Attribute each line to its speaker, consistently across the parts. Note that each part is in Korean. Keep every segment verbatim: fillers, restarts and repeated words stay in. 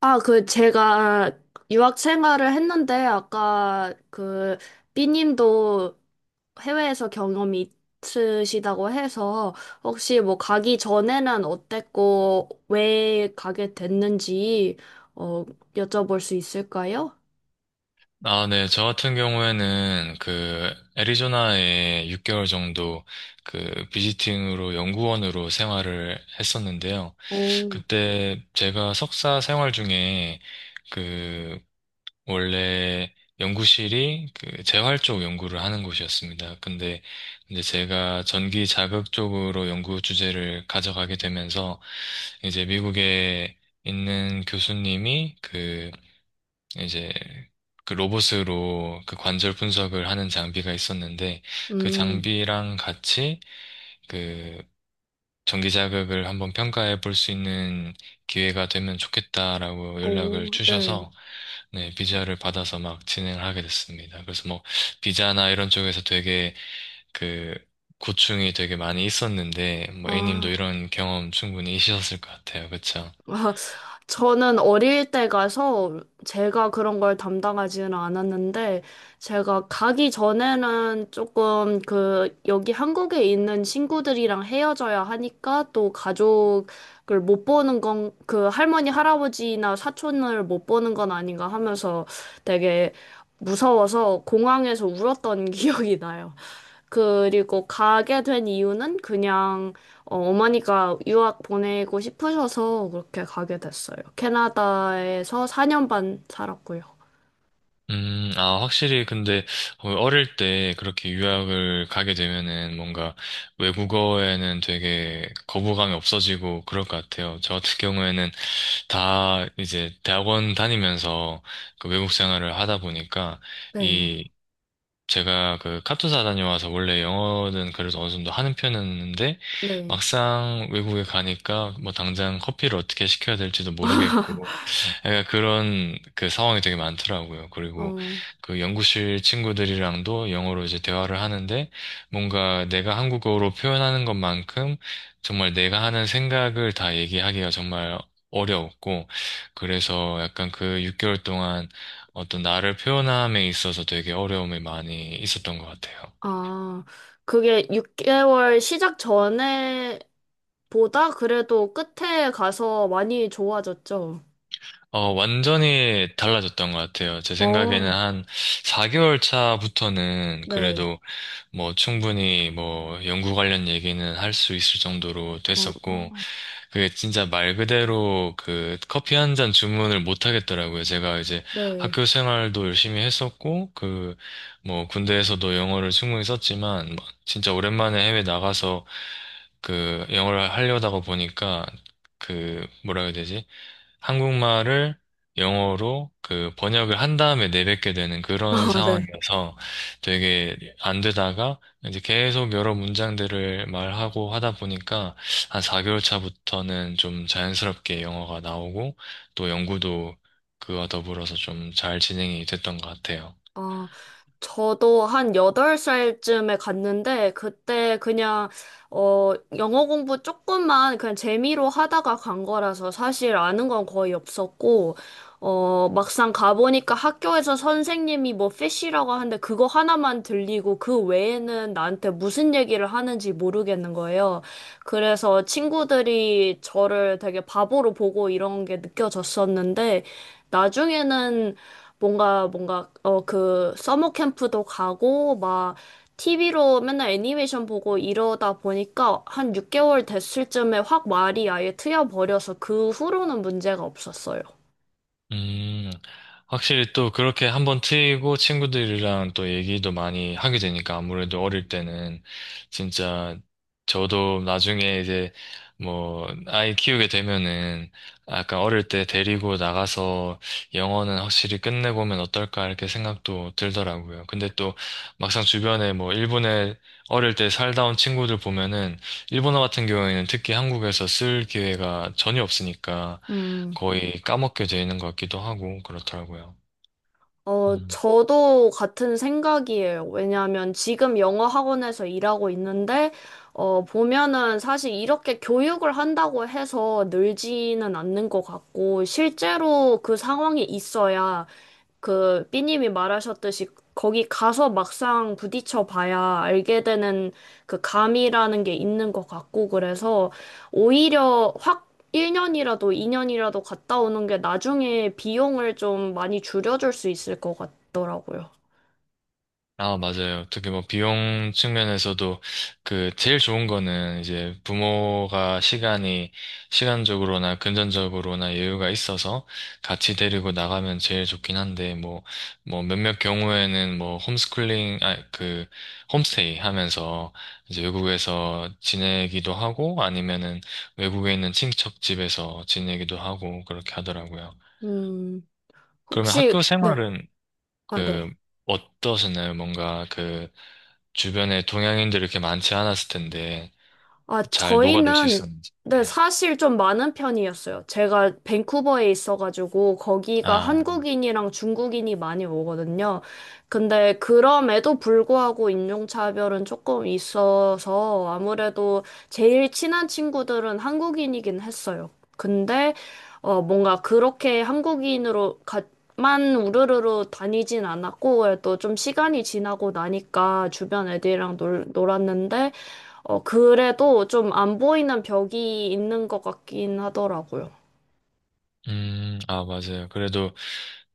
Speaker 1: 아, 그, 제가 유학 생활을 했는데, 아까 그, 삐님도 해외에서 경험이 있으시다고 해서, 혹시 뭐 가기 전에는 어땠고, 왜 가게 됐는지, 어, 여쭤볼 수 있을까요?
Speaker 2: 아, 네. 저 같은 경우에는 그 애리조나에 육 개월 정도 그 비지팅으로 연구원으로 생활을 했었는데요.
Speaker 1: 오,
Speaker 2: 그때 제가 석사 생활 중에 그 원래 연구실이 그 재활 쪽 연구를 하는 곳이었습니다. 근데 이제 제가 전기 자극 쪽으로 연구 주제를 가져가게 되면서 이제 미국에 있는 교수님이 그 이제 그 로봇으로 그 관절 분석을 하는 장비가 있었는데, 그
Speaker 1: 음,
Speaker 2: 장비랑 같이 그 전기 자극을 한번 평가해 볼 수 있는 기회가 되면 좋겠다라고 연락을
Speaker 1: 오, 네.
Speaker 2: 주셔서, 네, 비자를 받아서 막 진행을 하게 됐습니다. 그래서 뭐 비자나 이런 쪽에서 되게 그 고충이 되게 많이 있었는데, 뭐 에이 님도
Speaker 1: 아.
Speaker 2: 이런 경험 충분히 있으셨을 것 같아요. 그쵸?
Speaker 1: 아, 저는 어릴 때 가서 제가 그런 걸 담당하지는 않았는데, 제가 가기 전에는 조금 그, 여기 한국에 있는 친구들이랑 헤어져야 하니까 또 가족을 못 보는 건, 그 할머니, 할아버지나 사촌을 못 보는 건 아닌가 하면서 되게 무서워서 공항에서 울었던 기억이 나요. 그리고 가게 된 이유는 그냥 어, 어머니가 유학 보내고 싶으셔서 그렇게 가게 됐어요. 캐나다에서 사 년 반 살았고요.
Speaker 2: 음, 아, 확실히, 근데, 어, 어릴 때 그렇게 유학을 가게 되면은 뭔가 외국어에는 되게 거부감이 없어지고 그럴 것 같아요. 저 같은 경우에는 다 이제 대학원 다니면서 그 외국 생활을 하다 보니까
Speaker 1: 네,
Speaker 2: 이 제가 그 카투사 다녀와서 원래 영어는 그래도 어느 정도 하는 편이었는데,
Speaker 1: 네.
Speaker 2: 막상 외국에 가니까 뭐 당장 커피를 어떻게 시켜야 될지도 모르겠고 약간 그런 그 상황이 되게 많더라고요. 그리고
Speaker 1: 어,
Speaker 2: 그 연구실 친구들이랑도 영어로 이제 대화를 하는데, 뭔가 내가 한국어로 표현하는 것만큼 정말 내가 하는 생각을 다 얘기하기가 정말 어려웠고, 그래서 약간 그 육 개월 동안 어떤 나를 표현함에 있어서 되게 어려움이 많이 있었던 것 같아요.
Speaker 1: 아, 그게 육 개월 시작 전에 보다 그래도 끝에 가서 많이 좋아졌죠.
Speaker 2: 어, 완전히 달라졌던 것 같아요. 제 생각에는
Speaker 1: 어,
Speaker 2: 한 사 개월 차부터는
Speaker 1: 네.
Speaker 2: 그래도 뭐 충분히 뭐 연구 관련 얘기는 할 수 있을 정도로
Speaker 1: 어,
Speaker 2: 됐었고,
Speaker 1: 어,
Speaker 2: 그게 진짜 말 그대로 그 커피 한 잔 주문을 못 하겠더라고요. 제가 이제
Speaker 1: 네.
Speaker 2: 학교 생활도 열심히 했었고, 그 뭐 군대에서도 영어를 충분히 썼지만, 막 진짜 오랜만에 해외 나가서 그 영어를 하려다가 보니까, 그 뭐라 해야 되지? 한국말을 영어로 그 번역을 한 다음에 내뱉게 되는 그런
Speaker 1: 아, 네.
Speaker 2: 상황이어서 되게 안 되다가, 이제 계속 여러 문장들을 말하고 하다 보니까 한 사 개월 차부터는 좀 자연스럽게 영어가 나오고, 또 연구도 그와 더불어서 좀 잘 진행이 됐던 것 같아요.
Speaker 1: 아, 저도 한 여덟 살쯤에 갔는데, 그때 그냥, 어, 영어 공부 조금만 그냥 재미로 하다가 간 거라서 사실 아는 건 거의 없었고, 어, 막상 가보니까 학교에서 선생님이 뭐 피쉬라고 하는데 그거 하나만 들리고 그 외에는 나한테 무슨 얘기를 하는지 모르겠는 거예요. 그래서 친구들이 저를 되게 바보로 보고 이런 게 느껴졌었는데, 나중에는 뭔가 뭔가 어 그 서머 캠프도 가고 막 티비로 맨날 애니메이션 보고 이러다 보니까 한 육 개월 됐을 쯤에 확 말이 아예 트여 버려서 그 후로는 문제가 없었어요.
Speaker 2: 음, 확실히 또 그렇게 한번 트이고 친구들이랑 또 얘기도 많이 하게 되니까 아무래도 어릴 때는 진짜, 저도 나중에 이제 뭐 아이 키우게 되면은 아까 어릴 때 데리고 나가서 영어는 확실히 끝내보면 어떨까 이렇게 생각도 들더라고요. 근데 또 막상 주변에 뭐 일본에 어릴 때 살다 온 친구들 보면은 일본어 같은 경우에는 특히 한국에서 쓸 기회가 전혀 없으니까
Speaker 1: 음.
Speaker 2: 거의 까먹게 되는 것 같기도 하고 그렇더라고요.
Speaker 1: 어,
Speaker 2: 음.
Speaker 1: 저도 같은 생각이에요. 왜냐하면 지금 영어 학원에서 일하고 있는데, 어, 보면은 사실 이렇게 교육을 한다고 해서 늘지는 않는 것 같고, 실제로 그 상황이 있어야 그 삐님이 말하셨듯이 거기 가서 막상 부딪혀 봐야 알게 되는 그 감이라는 게 있는 것 같고, 그래서 오히려 확 일 년이라도 이 년이라도 갔다 오는 게 나중에 비용을 좀 많이 줄여줄 수 있을 것 같더라고요.
Speaker 2: 아, 맞아요. 어떻게 뭐 비용 측면에서도 그 제일 좋은 거는 이제 부모가 시간이, 시간적으로나 금전적으로나 여유가 있어서 같이 데리고 나가면 제일 좋긴 한데, 뭐 뭐 몇몇 경우에는 뭐 홈스쿨링, 아, 그 홈스테이 하면서 이제 외국에서 지내기도 하고, 아니면은 외국에 있는 친척 집에서 지내기도 하고 그렇게 하더라고요.
Speaker 1: 음,
Speaker 2: 그러면
Speaker 1: 혹시,
Speaker 2: 학교
Speaker 1: 네,
Speaker 2: 생활은
Speaker 1: 아,
Speaker 2: 그
Speaker 1: 네.
Speaker 2: 어떠셨나요? 뭔가 그 주변에 동양인들이 이렇게 많지 않았을 텐데
Speaker 1: 아,
Speaker 2: 잘 녹아들 수
Speaker 1: 저희는
Speaker 2: 있었는지.
Speaker 1: 네,
Speaker 2: 네.
Speaker 1: 사실 좀 많은 편이었어요. 제가 밴쿠버에 있어가지고 거기가
Speaker 2: 아,
Speaker 1: 한국인이랑 중국인이 많이 오거든요. 근데 그럼에도 불구하고 인종차별은 조금 있어서 아무래도 제일 친한 친구들은 한국인이긴 했어요. 근데 어, 뭔가 그렇게 한국인으로 가, 만 우르르르 다니진 않았고 또 좀 시간이 지나고 나니까 주변 애들이랑 놀, 놀았는데 어, 그래도 좀 안 보이는 벽이 있는 것 같긴 하더라고요.
Speaker 2: 음, 아, 맞아요. 그래도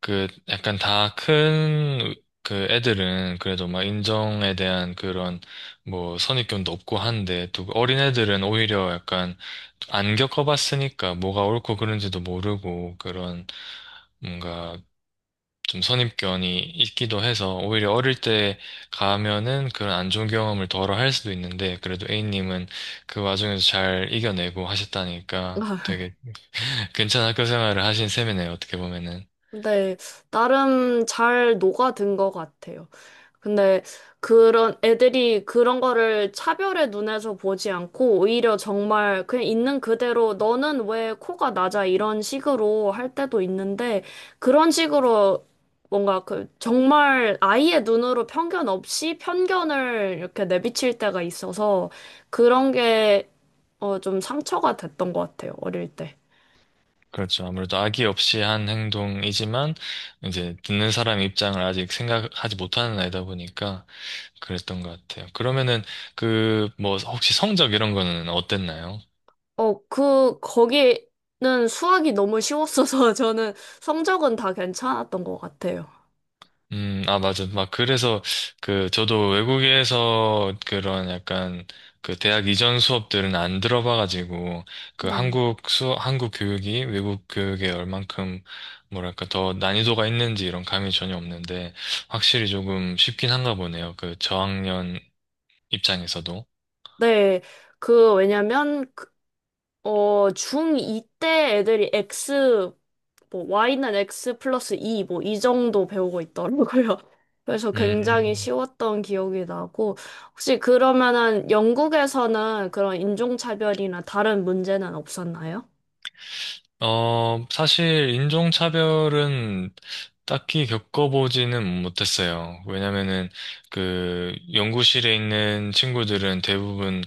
Speaker 2: 그 약간 다 큰 그 애들은 그래도 막 인정에 대한 그런 뭐 선입견도 없고 한데, 또 그 어린 애들은 오히려 약간 안 겪어봤으니까 뭐가 옳고 그른지도 모르고, 그런 뭔가 좀 선입견이 있기도 해서 오히려 어릴 때 가면은 그런 안 좋은 경험을 덜어 할 수도 있는데, 그래도 에이 님은 그 와중에서 잘 이겨내고 하셨다니까 되게 괜찮은 학교 생활을 하신 셈이네요, 어떻게 보면은.
Speaker 1: 근데 나름 잘 녹아든 것 같아요. 근데 그런 애들이 그런 거를 차별의 눈에서 보지 않고 오히려 정말 그냥 있는 그대로 너는 왜 코가 낮아 이런 식으로 할 때도 있는데 그런 식으로 뭔가 그 정말 아이의 눈으로 편견 없이 편견을 이렇게 내비칠 때가 있어서 그런 게 어, 좀 상처가 됐던 것 같아요, 어릴 때.
Speaker 2: 그렇죠. 아무래도 악의 없이 한 행동이지만 이제 듣는 사람 입장을 아직 생각하지 못하는 나이다 보니까 그랬던 것 같아요. 그러면은 그 뭐 혹시 성적 이런 거는 어땠나요?
Speaker 1: 어, 그, 거기는 수학이 너무 쉬웠어서 저는 성적은 다 괜찮았던 것 같아요.
Speaker 2: 음, 아, 맞아. 막, 그래서, 그, 저도 외국에서 그런 약간, 그, 대학 이전 수업들은 안 들어봐가지고, 그,
Speaker 1: 네.
Speaker 2: 한국 수, 한국 교육이 외국 교육에 얼만큼, 뭐랄까, 더 난이도가 있는지 이런 감이 전혀 없는데, 확실히 조금 쉽긴 한가 보네요. 그, 저학년 입장에서도.
Speaker 1: 네, 그, 왜냐면, 그, 어, 중이 때 애들이 X, 뭐, Y는 X 플러스 이, 뭐, 이 정도 배우고 있더라고요. 그래서 굉장히
Speaker 2: 음.
Speaker 1: 쉬웠던 기억이 나고, 혹시 그러면은 영국에서는 그런 인종차별이나 다른 문제는 없었나요?
Speaker 2: 어, 사실 인종차별은 딱히 겪어보지는 못했어요. 왜냐면은 그 연구실에 있는 친구들은 대부분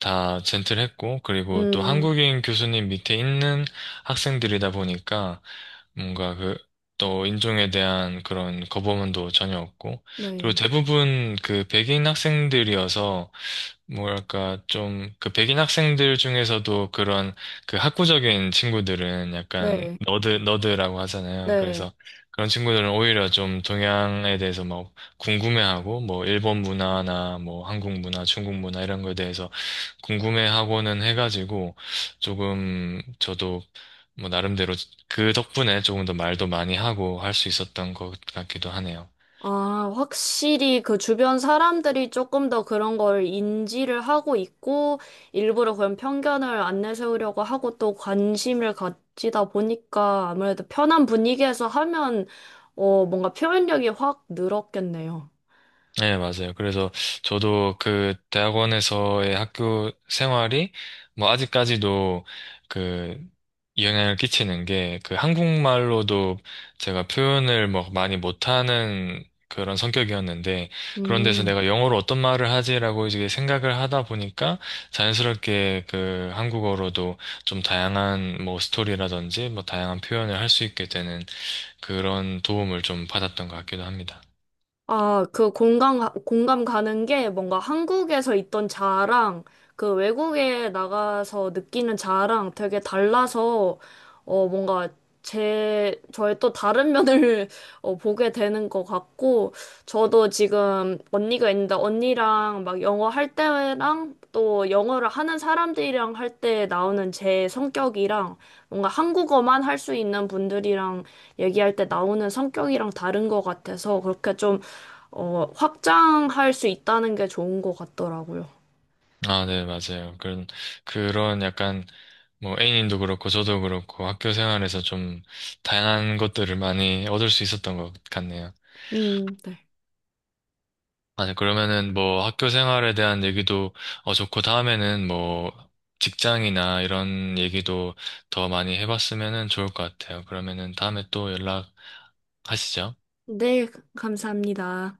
Speaker 2: 다 젠틀했고, 그리고 또
Speaker 1: 음,
Speaker 2: 한국인 교수님 밑에 있는 학생들이다 보니까 뭔가 그, 또 인종에 대한 그런 거부감도 전혀 없고, 그리고
Speaker 1: 네.
Speaker 2: 대부분 그 백인 학생들이어서 뭐랄까, 좀, 그 백인 학생들 중에서도 그런 그 학구적인 친구들은 약간
Speaker 1: 네,
Speaker 2: 너드, 너드라고 하잖아요.
Speaker 1: 네.
Speaker 2: 그래서 그런 친구들은 오히려 좀 동양에 대해서 막 궁금해하고, 뭐, 일본 문화나 뭐, 한국 문화, 중국 문화 이런 거에 대해서 궁금해하고는 해가지고, 조금 저도 뭐, 나름대로 그 덕분에 조금 더 말도 많이 하고 할 수 있었던 것 같기도 하네요.
Speaker 1: 아, 확실히 그 주변 사람들이 조금 더 그런 걸 인지를 하고 있고, 일부러 그런 편견을 안 내세우려고 하고 또 관심을 가지다 보니까 아무래도 편한 분위기에서 하면, 어, 뭔가 표현력이 확 늘었겠네요.
Speaker 2: 네, 맞아요. 그래서 저도 그 대학원에서의 학교 생활이 뭐 아직까지도 그 영향을 끼치는 게, 그 한국말로도 제가 표현을 뭐 많이 못하는 그런 성격이었는데, 그런 데서
Speaker 1: 음.
Speaker 2: 내가 영어로 어떤 말을 하지라고 이제 생각을 하다 보니까 자연스럽게 그 한국어로도 좀 다양한 뭐 스토리라든지 뭐 다양한 표현을 할 수 있게 되는, 그런 도움을 좀 받았던 것 같기도 합니다.
Speaker 1: 아, 그 공감, 가- 공감 가는 게 뭔가 한국에서 있던 자아랑 그 외국에 나가서 느끼는 자아랑 되게 달라서 어, 뭔가 제, 저의 또 다른 면을 어, 보게 되는 것 같고 저도 지금 언니가 있는데 언니랑 막 영어 할 때랑 또 영어를 하는 사람들이랑 할 때 나오는 제 성격이랑 뭔가 한국어만 할 수 있는 분들이랑 얘기할 때 나오는 성격이랑 다른 것 같아서 그렇게 좀 어, 확장할 수 있다는 게 좋은 것 같더라고요.
Speaker 2: 아, 네, 맞아요. 그런, 그런 약간, 뭐, A님도 그렇고, 저도 그렇고, 학교 생활에서 좀 다양한 것들을 많이 얻을 수 있었던 것 같네요.
Speaker 1: 음, 네.
Speaker 2: 아, 네, 그러면은 뭐, 학교 생활에 대한 얘기도, 어, 좋고, 다음에는 뭐, 직장이나 이런 얘기도 더 많이 해봤으면은 좋을 것 같아요. 그러면은 다음에 또 연락하시죠.
Speaker 1: 네, 감사합니다.